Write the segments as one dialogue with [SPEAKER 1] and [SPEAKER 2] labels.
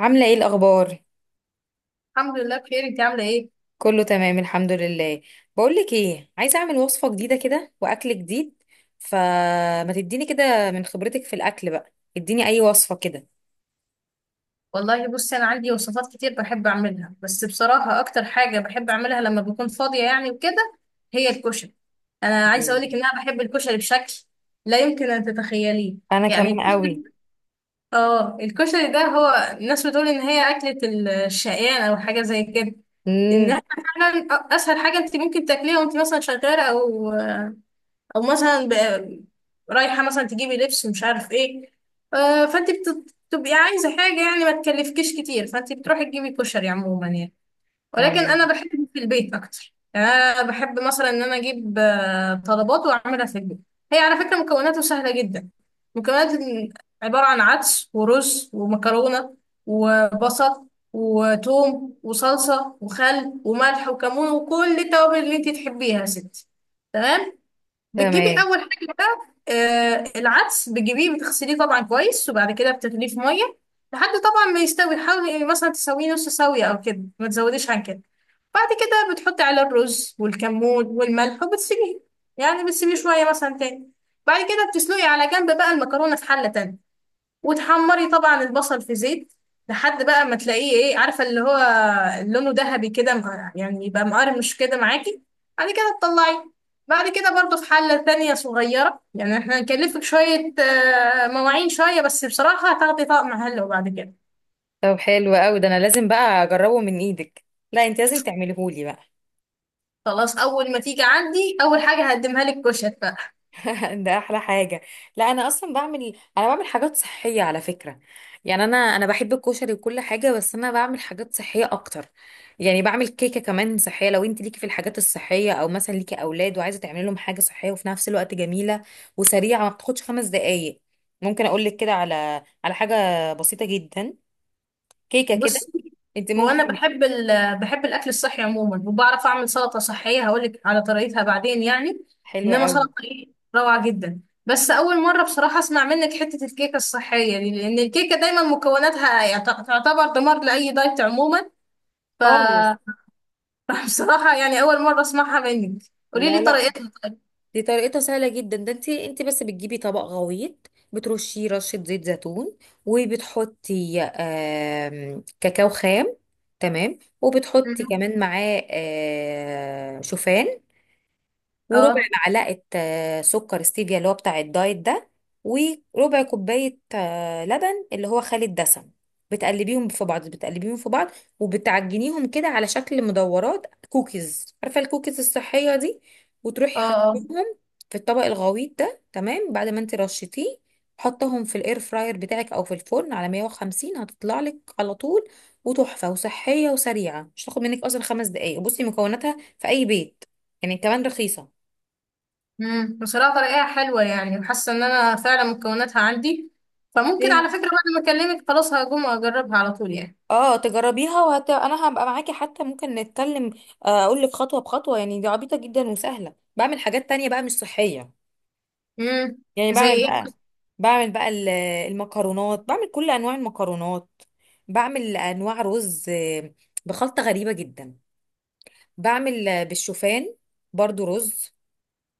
[SPEAKER 1] عاملة ايه الأخبار؟
[SPEAKER 2] الحمد لله بخير، انت عامله ايه؟
[SPEAKER 1] كله تمام، الحمد لله. بقولك ايه، عايزة أعمل وصفة جديدة كده وأكل جديد، فما تديني كده من خبرتك في الأكل بقى، اديني أي وصفة كده.
[SPEAKER 2] والله بصي، انا عندي وصفات كتير بحب اعملها، بس بصراحه اكتر حاجه بحب اعملها لما بكون فاضيه يعني وكده هي الكشري. انا عايزه اقول لك
[SPEAKER 1] مم.
[SPEAKER 2] ان انا بحب الكشري بشكل لا يمكن ان تتخيليه.
[SPEAKER 1] أنا كمان
[SPEAKER 2] يعني
[SPEAKER 1] قوي.
[SPEAKER 2] اه الكشري ده، هو الناس بتقول ان هي اكله الشقيان او حاجه زي كده.
[SPEAKER 1] امم.
[SPEAKER 2] انها فعلا اسهل حاجه انت ممكن تاكليها وانت مثلا شغاله او مثلا رايحه مثلا تجيبي لبس ومش عارف ايه. فانت بتبقي عايزه حاجه، يعني ما تكلفكيش كتير، فانت بتروحي تجيبي كشري عموما يعني. ولكن
[SPEAKER 1] آه،
[SPEAKER 2] انا بحب في البيت اكتر، يعني انا بحب مثلا ان انا اجيب طلبات واعملها في البيت. هي على فكره مكوناته سهله جدا. مكونات عباره عن عدس ورز ومكرونه وبصل وتوم وصلصه وخل وملح وكمون وكل التوابل اللي انت تحبيها يا ستي. تمام. بتجيبي
[SPEAKER 1] تمام.
[SPEAKER 2] اول حاجه بقى آه العدس، بتجيبيه بتغسليه طبعا كويس، وبعد كده بتغليه في ميه لحد طبعا ما يستوي. حاولي مثلا تسويه نص سويه او كده، ما تزوديش عن كده. بعد كده بتحطي على الرز والكمون والملح وبتسيبيه، يعني بتسيبيه شويه مثلا تاني. بعد كده بتسلقي على جنب بقى المكرونه في حله تانية، وتحمري طبعا البصل في زيت لحد بقى ما تلاقيه ايه عارفه اللي هو لونه ذهبي كده، يعني يبقى مقرمش كده معاكي. بعد كده تطلعيه. بعد كده برضو في حله تانية صغيره، يعني احنا هنكلفك شويه مواعين شويه، بس بصراحه هتاخدي طقم حلو بعد كده.
[SPEAKER 1] طب حلو قوي ده، أنا لازم بقى أجربه من إيدك، لا أنت لازم تعمليهولي بقى.
[SPEAKER 2] خلاص اول ما تيجي عندي اول حاجه هقدمها لك كشك.
[SPEAKER 1] ده احلى حاجه. لا، انا اصلا بعمل، انا بعمل حاجات صحيه على فكره. يعني انا بحب الكشري وكل حاجه، بس انا بعمل حاجات صحيه اكتر. يعني بعمل كيكه كمان صحيه لو انت ليكي في الحاجات الصحيه، او مثلا ليكي اولاد وعايزه تعملي لهم حاجه صحيه وفي نفس الوقت جميله وسريعه ما بتاخدش 5 دقائق. ممكن اقول لك كده على حاجه بسيطه جدا، كيكه كده.
[SPEAKER 2] بص،
[SPEAKER 1] انت
[SPEAKER 2] هو انا
[SPEAKER 1] ممكن.
[SPEAKER 2] بحب الاكل الصحي عموما، وبعرف اعمل سلطه صحيه، هقولك على طريقتها بعدين يعني.
[SPEAKER 1] حلوه
[SPEAKER 2] انما
[SPEAKER 1] قوي.
[SPEAKER 2] سلطه ايه، روعه جدا. بس اول مره بصراحه اسمع منك حته الكيكه الصحيه دي، لان الكيكه دايما مكوناتها تعتبر دمار لاي دايت عموما. ف
[SPEAKER 1] خالص.
[SPEAKER 2] بصراحه يعني اول مره اسمعها منك. قولي
[SPEAKER 1] لا
[SPEAKER 2] لي
[SPEAKER 1] لا،
[SPEAKER 2] طريقتها.
[SPEAKER 1] دي طريقتها سهلة جدا. ده انت بس بتجيبي طبق غويط، بترشيه رشة زيت زيتون، وبتحطي كاكاو خام، تمام. وبتحطي
[SPEAKER 2] مم.
[SPEAKER 1] كمان معاه شوفان، وربع
[SPEAKER 2] اه،
[SPEAKER 1] معلقة سكر ستيفيا اللي هو بتاع الدايت ده، وربع كوباية لبن اللي هو خالي الدسم. بتقلبيهم في بعض، وبتعجنيهم كده على شكل مدورات كوكيز، عارفة الكوكيز الصحية دي، وتروحي
[SPEAKER 2] اه. اه.
[SPEAKER 1] حطيهم في الطبق الغويط ده، تمام، بعد ما انت رشيتيه. حطهم في الاير فراير بتاعك او في الفرن على 150، هتطلع لك على طول، وتحفة وصحية وسريعة، مش هتاخد منك اصلا 5 دقايق. بصي مكوناتها في اي بيت، يعني كمان رخيصة.
[SPEAKER 2] بصراحة طريقة حلوة، يعني وحاسة ان انا فعلا مكوناتها عندي، فممكن على
[SPEAKER 1] ليه؟
[SPEAKER 2] فكرة بعد ما اكلمك خلاص هقوم اجربها على طول يعني.
[SPEAKER 1] اه تجربيها انا هبقى معاكي، حتى ممكن نتكلم، اقول لك خطوه بخطوه، يعني دي عبيطه جدا وسهله. بعمل حاجات تانية بقى مش صحيه.
[SPEAKER 2] امم
[SPEAKER 1] يعني
[SPEAKER 2] زي
[SPEAKER 1] بعمل
[SPEAKER 2] ايه؟
[SPEAKER 1] بقى بعمل بقى ال- المكرونات، بعمل كل انواع المكرونات، بعمل انواع رز بخلطه غريبه جدا. بعمل بالشوفان، برضو رز،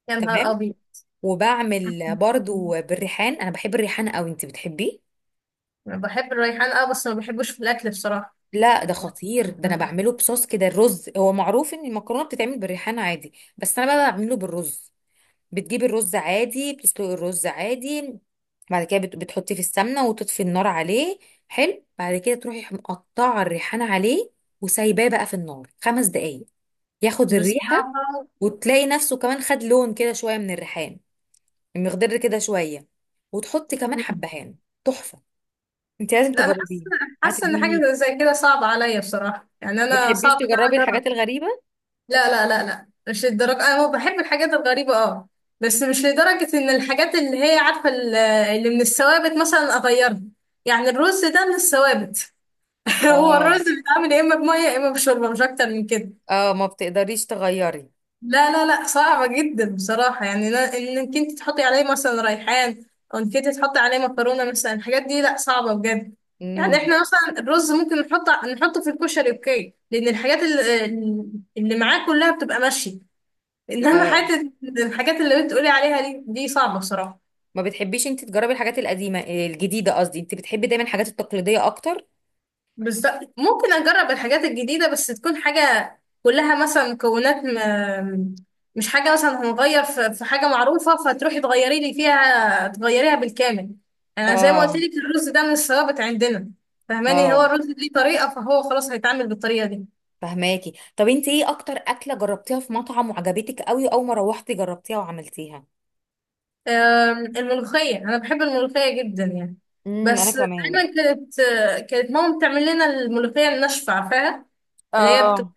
[SPEAKER 2] يا نهار
[SPEAKER 1] تمام.
[SPEAKER 2] ابيض.
[SPEAKER 1] وبعمل برضو بالريحان، انا بحب الريحان قوي، انت بتحبيه؟
[SPEAKER 2] أنا بحب الريحان اه، بس ما بحبوش في الاكل بصراحة.
[SPEAKER 1] لا ده خطير، ده انا بعمله بصوص كده. الرز هو معروف ان المكرونه بتتعمل بالريحان عادي، بس انا بقى بعمله بالرز. بتجيبي الرز عادي، بتسلقي الرز عادي، بعد كده بتحطيه في السمنه وتطفي النار عليه. حلو، بعد كده تروحي مقطعه الريحان عليه، وسايباه بقى في النار 5 دقايق، ياخد الريحه.
[SPEAKER 2] بصراحة.
[SPEAKER 1] وتلاقي نفسه كمان خد لون كده شويه من الريحان المخضر كده شويه، وتحطي كمان
[SPEAKER 2] مم.
[SPEAKER 1] حبهان. تحفه. انت لازم
[SPEAKER 2] لا انا
[SPEAKER 1] تجربيه،
[SPEAKER 2] حاسة ان حاجة
[SPEAKER 1] هتدمنيه.
[SPEAKER 2] زي كده صعبة عليا بصراحة، يعني
[SPEAKER 1] ما
[SPEAKER 2] انا
[SPEAKER 1] بتحبيش
[SPEAKER 2] صعب ان
[SPEAKER 1] تجربي
[SPEAKER 2] انا
[SPEAKER 1] الحاجات
[SPEAKER 2] اجرب.
[SPEAKER 1] الغريبه؟
[SPEAKER 2] لا، لا، لا، لا، مش للدرجة، أنا هو بحب الحاجات الغريبة اه، بس مش لدرجة إن الحاجات اللي هي عارفة اللي من الثوابت مثلا أغيرها. يعني الرز ده من الثوابت. هو الرز
[SPEAKER 1] اه
[SPEAKER 2] بيتعمل يا إما بمية يا إما بشوربة، مش أكتر من كده.
[SPEAKER 1] اه، ما بتقدريش تغيري.
[SPEAKER 2] لا، لا، لا، صعبة جدا بصراحة، يعني إنك أنت تحطي عليه مثلا ريحان، أو إنك أنت تحطي عليه مكرونة مثلا، الحاجات دي لا، صعبة بجد. يعني
[SPEAKER 1] امم.
[SPEAKER 2] إحنا مثلا الرز ممكن نحطه في الكشري، أوكي، لأن الحاجات اللي معاه كلها بتبقى ماشية. انما
[SPEAKER 1] اه،
[SPEAKER 2] حته الحاجات اللي بتقولي عليها دي صعبه بصراحه.
[SPEAKER 1] ما بتحبيش انت تجربي الحاجات القديمه الجديده، قصدي انت بتحبي دايما الحاجات التقليديه اكتر.
[SPEAKER 2] بس ممكن اجرب الحاجات الجديده، بس تكون حاجه كلها مثلا مش حاجه مثلا هنغير في حاجه معروفه، فتروحي تغيري لي فيها تغيريها بالكامل. يعني انا زي ما قلت
[SPEAKER 1] اه
[SPEAKER 2] لك، الرز ده من الثوابت عندنا. فاهماني، هو
[SPEAKER 1] اه،
[SPEAKER 2] الرز ليه طريقه، فهو خلاص هيتعامل بالطريقه دي.
[SPEAKER 1] فهماكي. طب انت ايه اكتر اكله جربتيها في مطعم وعجبتك قوي اول ما روحتي جربتيها وعملتيها؟
[SPEAKER 2] الملوخيه، انا بحب الملوخيه جدا يعني.
[SPEAKER 1] انا
[SPEAKER 2] بس
[SPEAKER 1] كمان.
[SPEAKER 2] دايما كانت ماما بتعمل لنا الملوخيه الناشفه عارفاها، اللي هي
[SPEAKER 1] اه.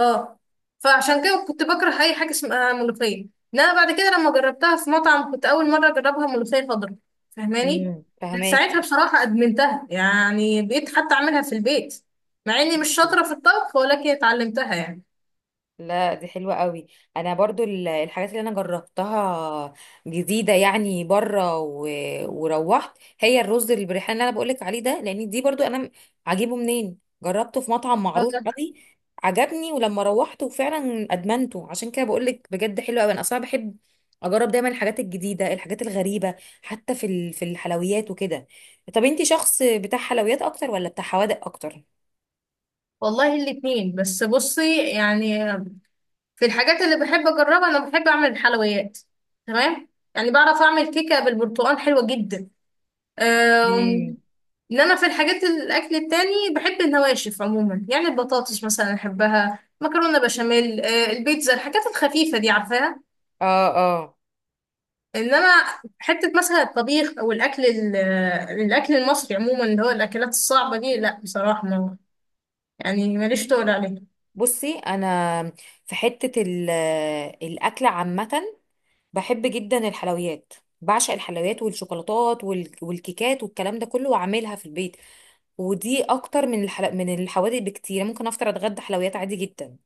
[SPEAKER 2] اه، فعشان كده كنت بكره اي حاجه اسمها ملوخيه. انما بعد كده لما جربتها في مطعم، كنت اول مره اجربها ملوخيه خضراء. فاهماني، من ساعتها
[SPEAKER 1] فهماكي.
[SPEAKER 2] بصراحه ادمنتها، يعني بقيت حتى اعملها في البيت، مع اني مش شاطره في الطبخ ولكن اتعلمتها يعني.
[SPEAKER 1] لا دي حلوة قوي. انا برضو الحاجات اللي انا جربتها جديدة يعني بره، وروحت، هي الرز بالريحان اللي انا بقولك عليه ده، لان دي برضو انا عاجبه منين، جربته في مطعم
[SPEAKER 2] آه،
[SPEAKER 1] معروف قوي، عجبني ولما روحت وفعلا ادمنته. عشان كده بقولك بجد حلو قوي، انا اصلا بحب اجرب دايما الحاجات الجديدة، الحاجات الغريبة، حتى في في الحلويات وكده. طب انتي شخص بتاع حلويات اكتر ولا بتاع حوادق اكتر؟
[SPEAKER 2] والله الاتنين، بس بصي يعني، في الحاجات اللي بحب اجربها انا بحب اعمل الحلويات، تمام. يعني بعرف اعمل كيكه بالبرتقال حلوه جدا.
[SPEAKER 1] مم.
[SPEAKER 2] اللي انا في الحاجات الاكل التاني بحب النواشف عموما، يعني البطاطس مثلا احبها، مكرونه بشاميل، البيتزا، الحاجات الخفيفه دي عارفاها.
[SPEAKER 1] اه اه،
[SPEAKER 2] انما حته مثلا الطبيخ او الاكل الاكل المصري عموما، اللي هو الاكلات الصعبه دي لا، بصراحه ما يعني ماليش تقول
[SPEAKER 1] بصي انا في حته الاكل عامه، بحب جدا الحلويات، بعشق الحلويات والشوكولاتات والكيكات والكلام ده كله، واعملها في البيت، ودي اكتر من من الحوادق بكتير. ممكن افطر اتغدى حلويات عادي جدا،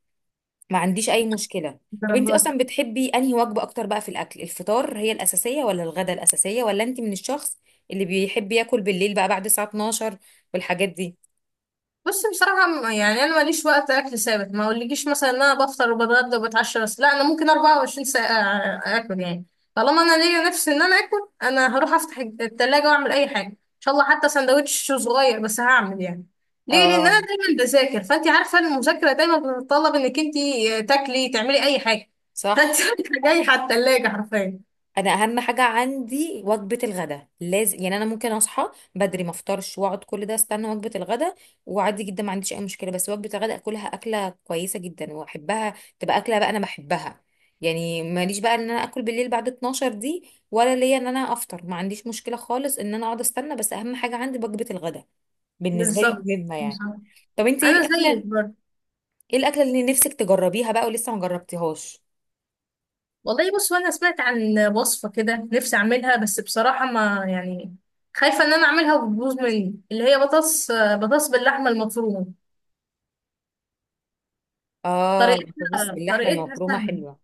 [SPEAKER 1] ما عنديش اي مشكله. طب انتي
[SPEAKER 2] عليها.
[SPEAKER 1] اصلا بتحبي انهي وجبه اكتر بقى في الاكل؟ الفطار هي الاساسيه ولا الغدا الاساسيه ولا انتي من الشخص اللي بيحب ياكل بالليل بقى بعد الساعه 12 والحاجات دي؟
[SPEAKER 2] بص بصراحة، يعني أنا ماليش وقت أكل ثابت. ما أقولكيش مثلا إن أنا بفطر وبتغدى وبتعشى، بس لا، أنا ممكن 24 ساعة آكل يعني. طالما أنا ليا نفسي إن أنا آكل، أنا هروح أفتح التلاجة وأعمل أي حاجة إن شاء الله، حتى سندوتش صغير بس هعمل يعني. ليه؟ لأن أنا
[SPEAKER 1] اه،
[SPEAKER 2] دايما بذاكر، فأنت عارفة المذاكرة دايما بتتطلب إنك أنت تاكلي تعملي أي حاجة. فأنت
[SPEAKER 1] صح،
[SPEAKER 2] رايحة جاية على التلاجة حرفيا.
[SPEAKER 1] انا اهم حاجه عندي وجبه الغداء لازم، يعني انا ممكن اصحى بدري ما افطرش واقعد كل ده استنى وجبه الغداء، وعادي جدا ما عنديش اي مشكله. بس وجبه الغداء اكلها اكله كويسه جدا، واحبها، تبقى اكله بقى انا بحبها. يعني ماليش بقى ان انا اكل بالليل بعد 12 دي، ولا ليا ان انا افطر، ما عنديش مشكله خالص ان انا اقعد استنى، بس اهم حاجه عندي وجبه الغداء بالنسبه لي
[SPEAKER 2] بالظبط،
[SPEAKER 1] مهمه يعني.
[SPEAKER 2] بالظبط.
[SPEAKER 1] طب انت ايه
[SPEAKER 2] أنا زيك
[SPEAKER 1] الاكله،
[SPEAKER 2] برضه.
[SPEAKER 1] ايه الاكله اللي نفسك تجربيها بقى ولسه ما جربتيهاش؟
[SPEAKER 2] والله بص، هو انا سمعت عن وصفه كده نفسي اعملها، بس بصراحه ما يعني خايفه ان انا اعملها وتبوظ مني، اللي هي بطاطس باللحمه المفرومه.
[SPEAKER 1] اه بطاطس
[SPEAKER 2] طريقتها
[SPEAKER 1] باللحمه
[SPEAKER 2] طريقتها
[SPEAKER 1] المفرومه
[SPEAKER 2] سهله.
[SPEAKER 1] حلوه.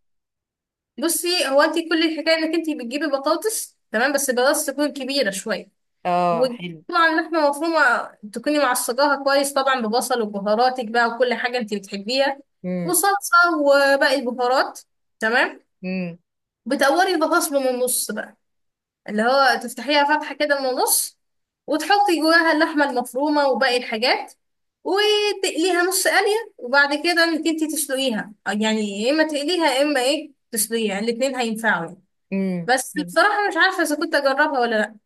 [SPEAKER 2] بصي هو انت كل الحكايه انك انت بتجيبي بطاطس، تمام، بس البطاطس تكون كبيره شويه،
[SPEAKER 1] اه حلو.
[SPEAKER 2] وطبعا لحمه مفرومه تكوني معصجاها كويس طبعا ببصل وبهاراتك بقى وكل حاجه انت بتحبيها،
[SPEAKER 1] إمم.
[SPEAKER 2] وصلصه وباقي البهارات، تمام.
[SPEAKER 1] امم.
[SPEAKER 2] بتقوري البطاطس من النص بقى، اللي هو تفتحيها فتحة كده من النص، وتحطي جواها اللحمة المفرومة وباقي الحاجات، وتقليها نص قلية، وبعد كده انك انتي تسلقيها، يعني يا اما تقليها يا اما ايه تسلقيها، يعني الاتنين هينفعوا يعني.
[SPEAKER 1] امم،
[SPEAKER 2] بس بصراحة مش عارفة اذا كنت اجربها ولا لا.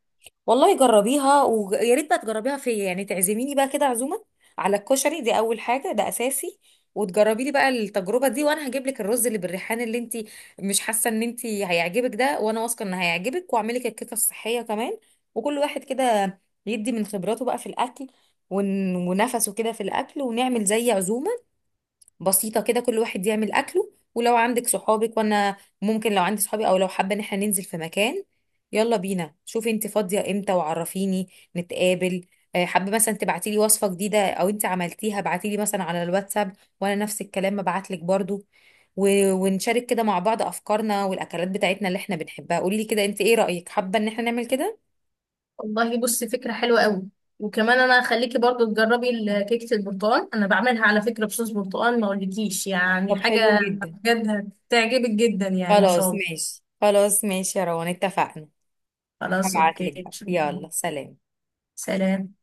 [SPEAKER 1] والله جربيها، ويا ريت بقى تجربيها فيا، يعني تعزميني بقى كده عزومه على الكشري، دي اول حاجه، ده اساسي. وتجربي لي بقى التجربه دي، وانا هجيب لك الرز اللي بالريحان اللي انت مش حاسه ان انت هيعجبك ده، وانا واثقه ان هيعجبك، واعمل لك الكيكه الصحيه كمان. وكل واحد كده يدي من خبراته بقى في الاكل، ونفسه كده في الاكل، ونعمل زي عزومه بسيطة كده، كل واحد يعمل أكله. ولو عندك صحابك، وأنا ممكن لو عندي صحابي، أو لو حابة إن احنا ننزل في مكان، يلا بينا، شوفي انت فاضية امتى وعرفيني نتقابل. حابة مثلا تبعتيلي وصفة جديدة أو انت عملتيها، ابعتيلي مثلا على الواتساب، وأنا نفس الكلام ببعتلك برضو، ونشارك كده مع بعض أفكارنا والأكلات بتاعتنا اللي احنا بنحبها. قوليلي كده انت ايه رأيك، حابة إن احنا نعمل كده؟
[SPEAKER 2] والله بصي فكرة حلوة قوي، وكمان انا هخليكي برضو تجربي كيكة البرتقال، انا بعملها على فكرة بصوص برتقال، ما اقولكيش
[SPEAKER 1] طب
[SPEAKER 2] يعني
[SPEAKER 1] حلو
[SPEAKER 2] حاجة.
[SPEAKER 1] جدا.
[SPEAKER 2] بجد هتعجبك جدا يعني ان شاء
[SPEAKER 1] خلاص
[SPEAKER 2] الله.
[SPEAKER 1] ماشي، خلاص ماشي يا روان، اتفقنا.
[SPEAKER 2] خلاص
[SPEAKER 1] هبعتلك
[SPEAKER 2] اوكي،
[SPEAKER 1] بقى،
[SPEAKER 2] شكراً.
[SPEAKER 1] يلا سلام.
[SPEAKER 2] سلام